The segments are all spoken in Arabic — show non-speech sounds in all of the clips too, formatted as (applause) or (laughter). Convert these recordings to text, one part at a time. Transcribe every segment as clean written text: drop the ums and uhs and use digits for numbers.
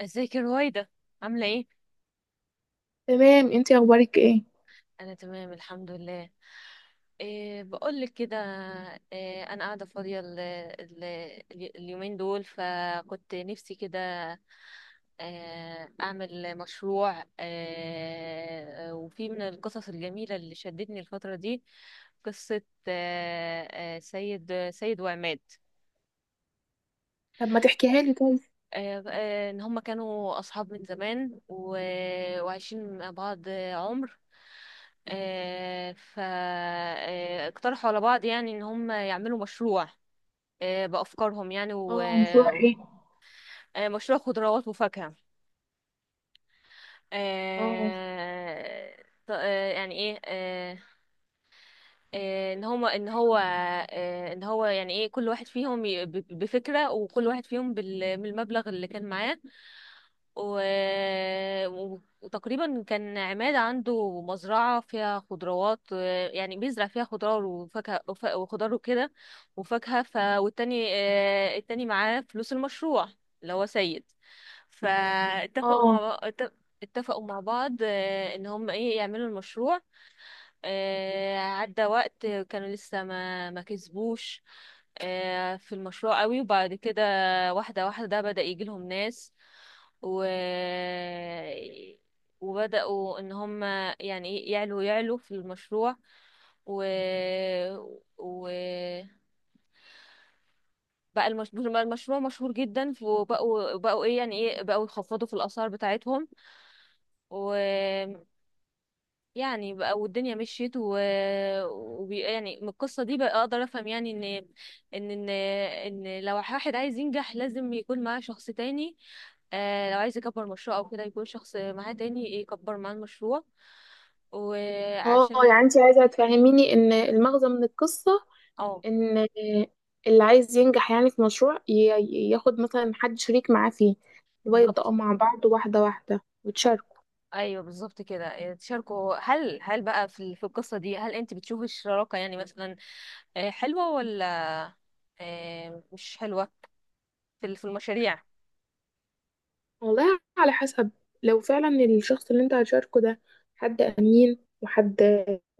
ازيك يا رويدة، عاملة ايه؟ تمام، انتي اخبارك ايه؟ انا تمام الحمد لله. إيه بقول لك كده. إيه، انا قاعدة فاضية اليومين دول، فكنت نفسي كده اعمل مشروع. وفي من القصص الجميلة اللي شدتني الفترة دي قصة. آه، سيد وعماد. طب ما تحكيها لي طيب. ان هم كانوا اصحاب من زمان، وعايشين مع بعض عمر. آه، ف آه، اقترحوا على بعض يعني ان هم يعملوا مشروع بافكارهم يعني. اه، مشروع و- ايه؟ مشروع خضروات وفاكهة. اه. آه، يعني ايه. ان هو. ان هو يعني ايه، كل واحد فيهم بفكرة، وكل واحد فيهم بالمبلغ اللي كان معاه. و... وتقريبا كان عماد عنده مزرعة فيها خضروات، يعني بيزرع فيها خضار وفاكهة وخضار وكده وفاكهة. والتاني التاني معاه فلوس المشروع، اللي هو سيد. فاتفقوا اه. مع بع- اتفقوا مع بعض ان هم ايه يعملوا المشروع. عدى وقت كانوا لسه ما كسبوش في المشروع قوي. وبعد كده واحدة واحدة بدأ يجي لهم ناس، و وبدأوا ان هم يعني ايه يعلوا في المشروع. و و بقى المشروع مشهور جدا، وبقوا ايه يعني ايه بقوا يخفضوا في الاسعار بتاعتهم. يعني بقى، والدنيا مشيت. يعني من القصة دي بقى اقدر افهم يعني ان ان ان لو واحد عايز ينجح، لازم يكون معاه شخص تاني. آه، لو عايز يكبر مشروع او كده يكون شخص معاه تاني يكبر معاه المشروع، اه، وعشان. انتي عايزه تفهميني ان المغزى من القصه اه، ان اللي عايز ينجح في مشروع ياخد مثلا حد شريك معاه فيه، اللي هو يبداوا بالظبط. مع بعض واحده واحده وتشاركوا. ايوه، بالظبط كده تشاركوا. هل هل بقى في القصة دي، هل انت بتشوفي الشراكة يعني مثلا حلوة، ولا مش حلوة في المشاريع؟ والله على حسب، لو فعلا الشخص اللي انت هتشاركه ده حد أمين وحد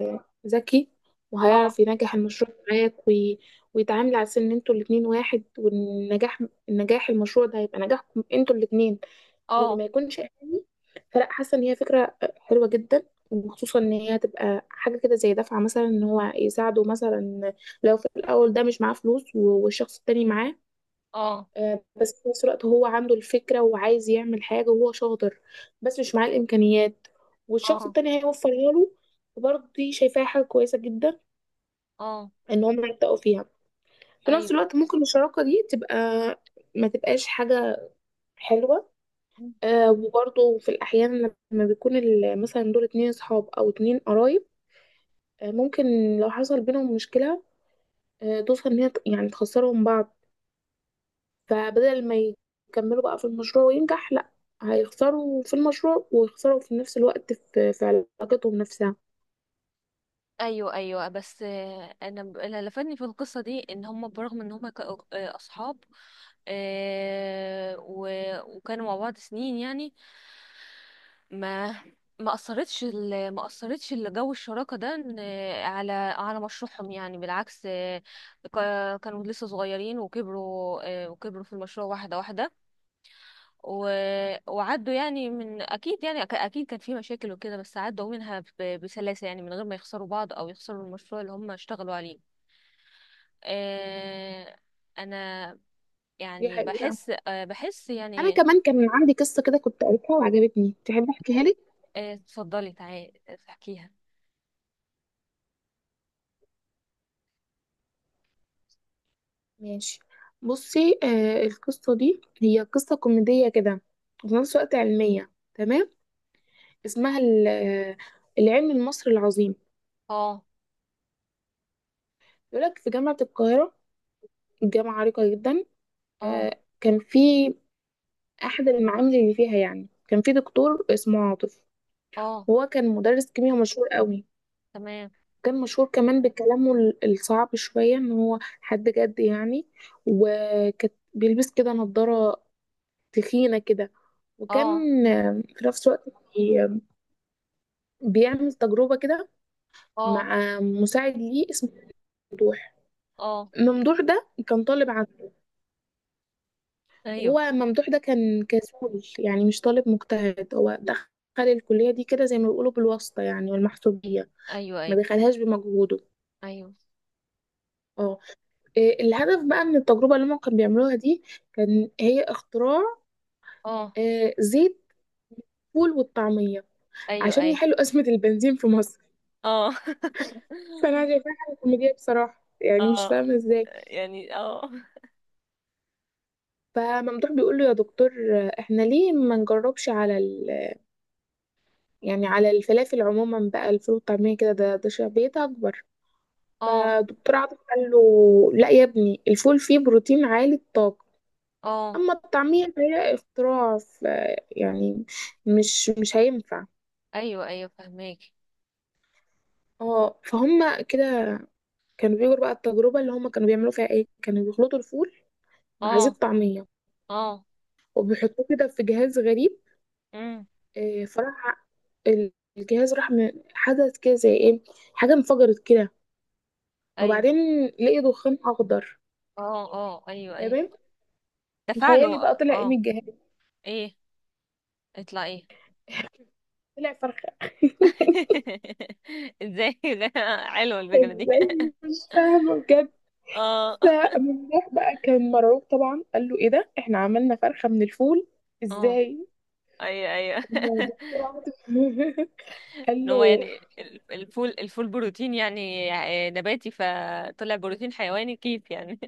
ذكي اه، وهيعرف ينجح المشروع معاك ويتعامل على أساس إن انتوا الاتنين واحد، والنجاح، النجاح المشروع ده هيبقى نجاحكم انتوا الاتنين، اه، وما يكونش أناني. فلا، حاسة إن هي فكرة حلوة جدا، وخصوصا إن هي تبقى حاجة كده زي دفعة مثلا، إن هو يساعده مثلا لو في الأول ده مش معاه فلوس والشخص التاني معاه. اه، بس في نفس الوقت هو عنده الفكرة وعايز يعمل حاجة وهو شاطر بس مش معاه الإمكانيات، والشخص اه، التاني هيوفرها له. برضه دي شايفاها حاجة كويسة جدا اه، إن هم يبدأوا فيها. في نفس ايوه، الوقت ممكن الشراكة دي تبقى ما تبقاش حاجة حلوة. آه، وبرضه في الأحيان لما بيكون مثلا دول اتنين صحاب أو اتنين قرايب، آه، ممكن لو حصل بينهم مشكلة، آه، توصل إن هي يعني تخسرهم بعض. فبدل ما يكملوا بقى في المشروع وينجح، لا، هيخسروا في المشروع ويخسروا في نفس الوقت في علاقتهم نفسها. ايوه، ايوه. بس انا، اللي لفتني في القصه دي، ان هم برغم ان هم كانوا اصحاب، وكانوا مع بعض سنين يعني، ما ما اثرتش الجو الشراكه ده على مشروعهم. يعني بالعكس كانوا لسه صغيرين وكبروا، وكبروا في المشروع واحده واحده. و... وعدوا يعني، من اكيد يعني اكيد كان في مشاكل وكده، بس عدوا منها بسلاسة يعني، من غير ما يخسروا بعض او يخسروا المشروع اللي هم اشتغلوا عليه. آه... انا دي يعني حقيقة. بحس بحس انا يعني. كمان كان عندي قصة كده كنت قريتها وعجبتني، تحب احكيها لك؟ اتفضلي تعالي احكيها. ماشي. بصي، آه، القصة دي هي قصة كوميدية كده وفي نفس الوقت علمية، تمام؟ اسمها العلم المصري العظيم. اه، يقولك في جامعة القاهرة، الجامعة عريقة جدا، اه، آه، كان في أحد المعامل اللي فيها، يعني كان في دكتور اسمه عاطف. اه، هو كان مدرس كيمياء مشهور قوي، تمام. كان مشهور كمان بكلامه الصعب شوية، ان هو حد جد يعني، وكان بيلبس كده نظارة تخينة كده، اه، وكان في نفس الوقت بي- بيعمل تجربة كده اه، مع مساعد ليه اسمه ممدوح. اه، ممدوح ده كان طالب عنده، ايوه، وهو ممدوح ده كان كسول يعني مش طالب مجتهد، هو دخل الكلية دي كده زي ما بيقولوا بالواسطة يعني والمحسوبية، ايوه، ما ايوه، دخلهاش بمجهوده. ايوه. اه. آه، الهدف بقى من التجربة اللي هما كانوا بيعملوها دي كان هي اختراع اه، زيت الفول والطعمية ايوه، عشان ايوه. يحلوا (laughs) أزمة البنزين في مصر. اه. (laughs) فأنا شايفاها حاجة كوميدية بصراحة، يعني مش اه، فاهمة ازاي. يعني اه. فممدوح بيقول له: يا دكتور، احنا ليه ما نجربش على ال... يعني على الفلافل عموما بقى، الفول والطعمية كده ده شعبيتها أكبر. اه، فدكتور عاطف قال له: لا يا ابني، الفول فيه بروتين عالي الطاقة، اه، اما التعمير فهي اختراع، ف، يعني مش هينفع. ايوه، ايوه فهماكي. اه فهم كده. كانوا بيجروا بقى التجربه اللي هم كانوا بيعملوا فيها ايه، كانوا بيخلطوا الفول مع اه، زيت طعميه اه، وبيحطوه كده في جهاز غريب. امم، فراح ال- الجهاز راح، حدث كده زي ايه، حاجه انفجرت كده، ايوه، وبعدين لقي دخان اخضر. اه، اه، ايوه، ايوه تمام. تخيلي بقى تفاعله. طلع ايه من اه، الجهاز؟ ايه؟ اطلع ايه؟ طلع فرخه. (laughs) (laughs) ازاي؟ لا، حلوه الفكره دي. (laughs) ازاي، مش فاهمه بجد. اه، فمفتاح بقى كان مرعوب طبعا، قال له: ايه ده، احنا عملنا فرخة من الفول اه، ازاي؟ ايوه، ايوه. (laughs) هو دكتور (laughs) (laughs) قال ان هو له: يعني الفول بروتين يعني نباتي، فطلع بروتين حيواني، كيف يعني؟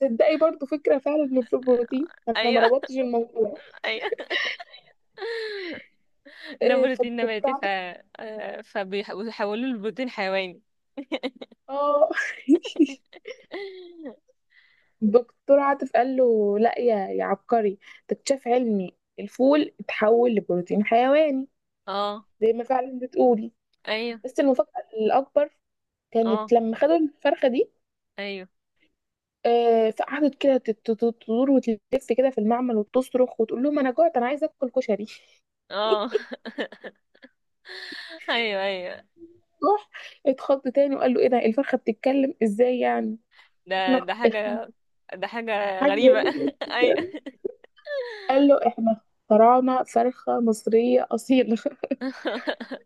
تصدقي برضو فكرة فعلا، من في البروتين (laughs) انا ما ايوه، ربطتش الموضوع. ايوه. ده إيه، بروتين فالدكتور نباتي، ف عاطف، فبيحولوا له بروتين حيواني. اه، (laughs) (laughs) الدكتور عاطف قال له: لا يا عبقري، تكتشف علمي الفول اتحول لبروتين حيواني اه، زي ما فعلا بتقولي. ايوه، بس المفاجأة الأكبر اه، كانت لما خدوا الفرخة دي، ايوه، فقعدت كده تدور وتلف كده في المعمل وتصرخ وتقول لهم: انا جوعت، انا عايزه اكل كشري. (laughs) اه. (laughs) ايوه، ايوه. راح اتخض تاني وقال له: ايه ده، الفرخه بتتكلم ازاي يعني، ده احنا ده إخ- حاجة، ده حاجة حاجه غريبة. غريبة (laughs) جداً. ايوه. قال له: احنا اخترعنا فرخه مصريه اصيله. (laughs) (laughs)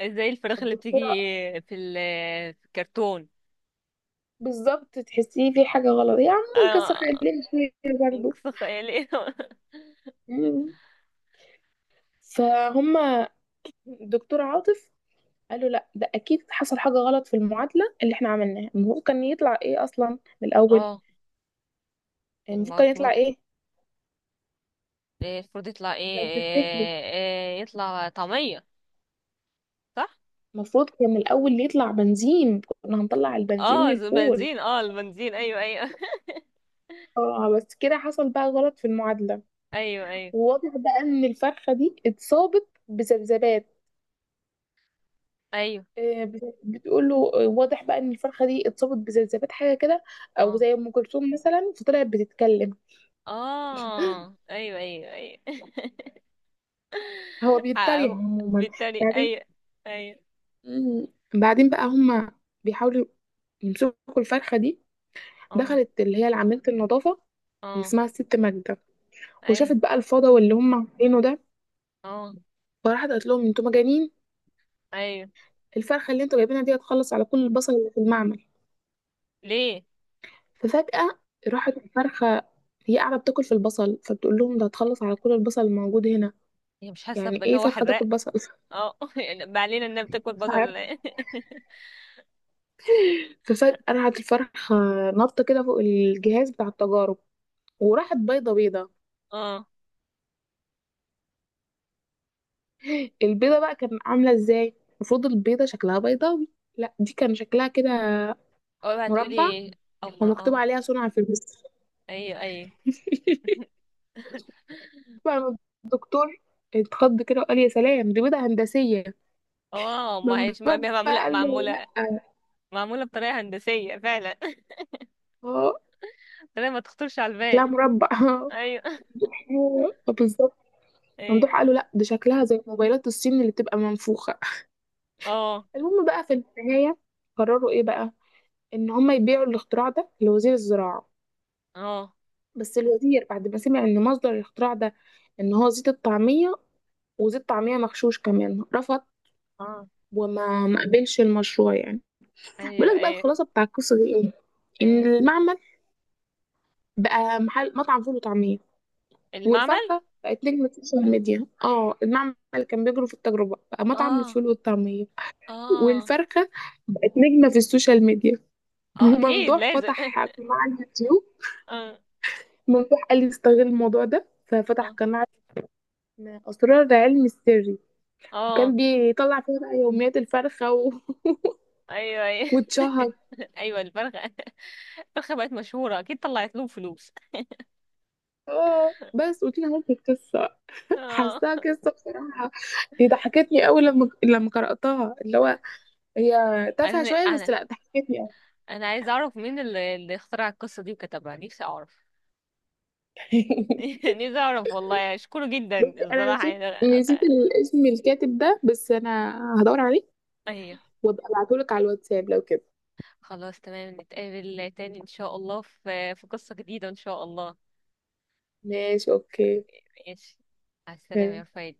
ازاي الفراخ اللي بتيجي الدكتوره في الكرتون؟ بالظبط، تحسيه في حاجه غلط يا عم، نكسر اه، خلينا فيه برضه. نقص خيالي. (laughs) مم. فهم الدكتور عاطف قال له: لا، ده اكيد حصل حاجه غلط في المعادله اللي احنا عملناها، المفروض كان يطلع ايه اصلا من الاول، اه. المفروض كان يطلع المفروض ايه؟ المفروض يطلع ايه، لو تفتكري، إيه، إيه يطلع طعمية. صح. المفروض كان الاول يطلع بنزين، كنا هنطلع البنزين اه، من الفول. بنزين، اه، البنزين، ايوه، ايوه. اه، بس كده حصل بقى غلط في المعادله. (laughs) ايوه، ايوه، وواضح بقى ان الفرخه دي اتصابت بذبذبات، ايوه، بتقول له: واضح بقى ان الفرخه دي اتصابت بذبذبات حاجه كده، او اه، زي ام كلثوم مثلا، فطلعت بتتكلم. اه، ايوه، ايوه، ايوه. (laughs) هو (laughs) بيتريق ع- عموما. بالتالي بعدين، اي، اي، مم، بعدين بقى هما بيحاولوا يمسكوا الفرخه دي. اه، دخلت اللي هي عامله النظافه اللي اه، اسمها الست ماجده، اي، وشافت بقى الفضا واللي هم عاملينه ده، اه، فراحت قالت لهم: انتوا مجانين، ايوه. الفرخه اللي انتوا جايبينها دي هتخلص على كل البصل اللي في المعمل. ليه؟ ففجاه راحت الفرخه، هي قاعده بتاكل في البصل، فبتقول لهم: ده هتخلص على كل البصل الموجود هنا. هي مش حاسه يعني بان ايه هو فرخه حراق؟ تاكل بصل؟ (laughs) اه. (laughs) يعني ما علينا، انها بتاكل مش بصل عارف. ولا إيه؟ ففجاه راحت الفرخه نطه كده فوق الجهاز بتاع التجارب، وراحت بيضه. (laughs) اه، البيضه بقى كان عامله ازاي؟ المفروض البيضه شكلها بيضاوي، لا دي كان شكلها كده اول هتقولي مربع، ايه؟ امر، ومكتوب اه. عليها صنع في مصر. ايوه، ايوه. (laughs) (laughs) بقى لما الدكتور اتخض كده وقال: يا سلام، دي بيضة هندسية. اه، ما ممدوح هيش بقى معموله قال له: معموله لا، معموله بطريقه هندسيه فعلا. اه، (laughs) طريقه ما تخطرش على شكلها البال. مربع. (laughs) اه، ايوه. (laughs) آه، بالظبط. ممدوح ايوه. قال له: لا، دي شكلها زي موبايلات الصين اللي بتبقى منفوخة. اه، المهم بقى في النهاية، قرروا ايه بقى، ان هم يبيعوا الاختراع ده لوزير الزراعة. اه، بس الوزير بعد ما سمع ان مصدر الاختراع ده ان هو زيت الطعمية، وزيت طعمية مغشوش كمان، رفض اه، وما ما قبلش المشروع يعني. ايوه، بيقول لك بقى ايوه، الخلاصة بتاع القصة دي ايه: ان ايوه المعمل بقى محل مطعم فول وطعمية، المعمل. والفرحة بقت نجمة السوشيال ميديا. اه، المعمل اللي كان بيجروا في التجربة بقى مطعم اه، الفول والطعمية، اه، والفرخة بقت نجمة في السوشيال ميديا. (laughs) اه، اكيد وممدوح لازم. فتح (laughs) قناة على اليوتيوب. اه، ممدوح قال لي استغل الموضوع ده، ففتح اه، قناة اسمها أسرار العلم السري، وكان اه، بيطلع فيها بقى يوميات الفرخة ايوه، (laughs) ايوه. واتشهر. (laughs) ايوه، الفرخه. الفرخه بقت مشهوره، اكيد طلعت لهم فلوس. اه، بس قلت لها ممكن القصة، اه. حاساها قصة بصراحة، ضحكتني أوي لما قرأتها، اللي هو هي تافهة انا شوية بس، انا لا ضحكتني يعني. انا عايزه اعرف مين اللي اخترع القصه دي وكتبها، نفسي اعرف. (laughs) (laughs) نفسي اعرف والله، اشكره جدا. بصي، انا الصراحه نسيت يعني نسيت الاسم الكاتب ده، بس انا هدور عليه ايوه. وابقى ابعتهولك على الواتساب لو كده. خلاص، تمام، نتقابل تاني ان شاء الله في قصه جديده ان شاء الله. ماشي، اوكي. ماشي. على السلامه يا سلام. رفايد.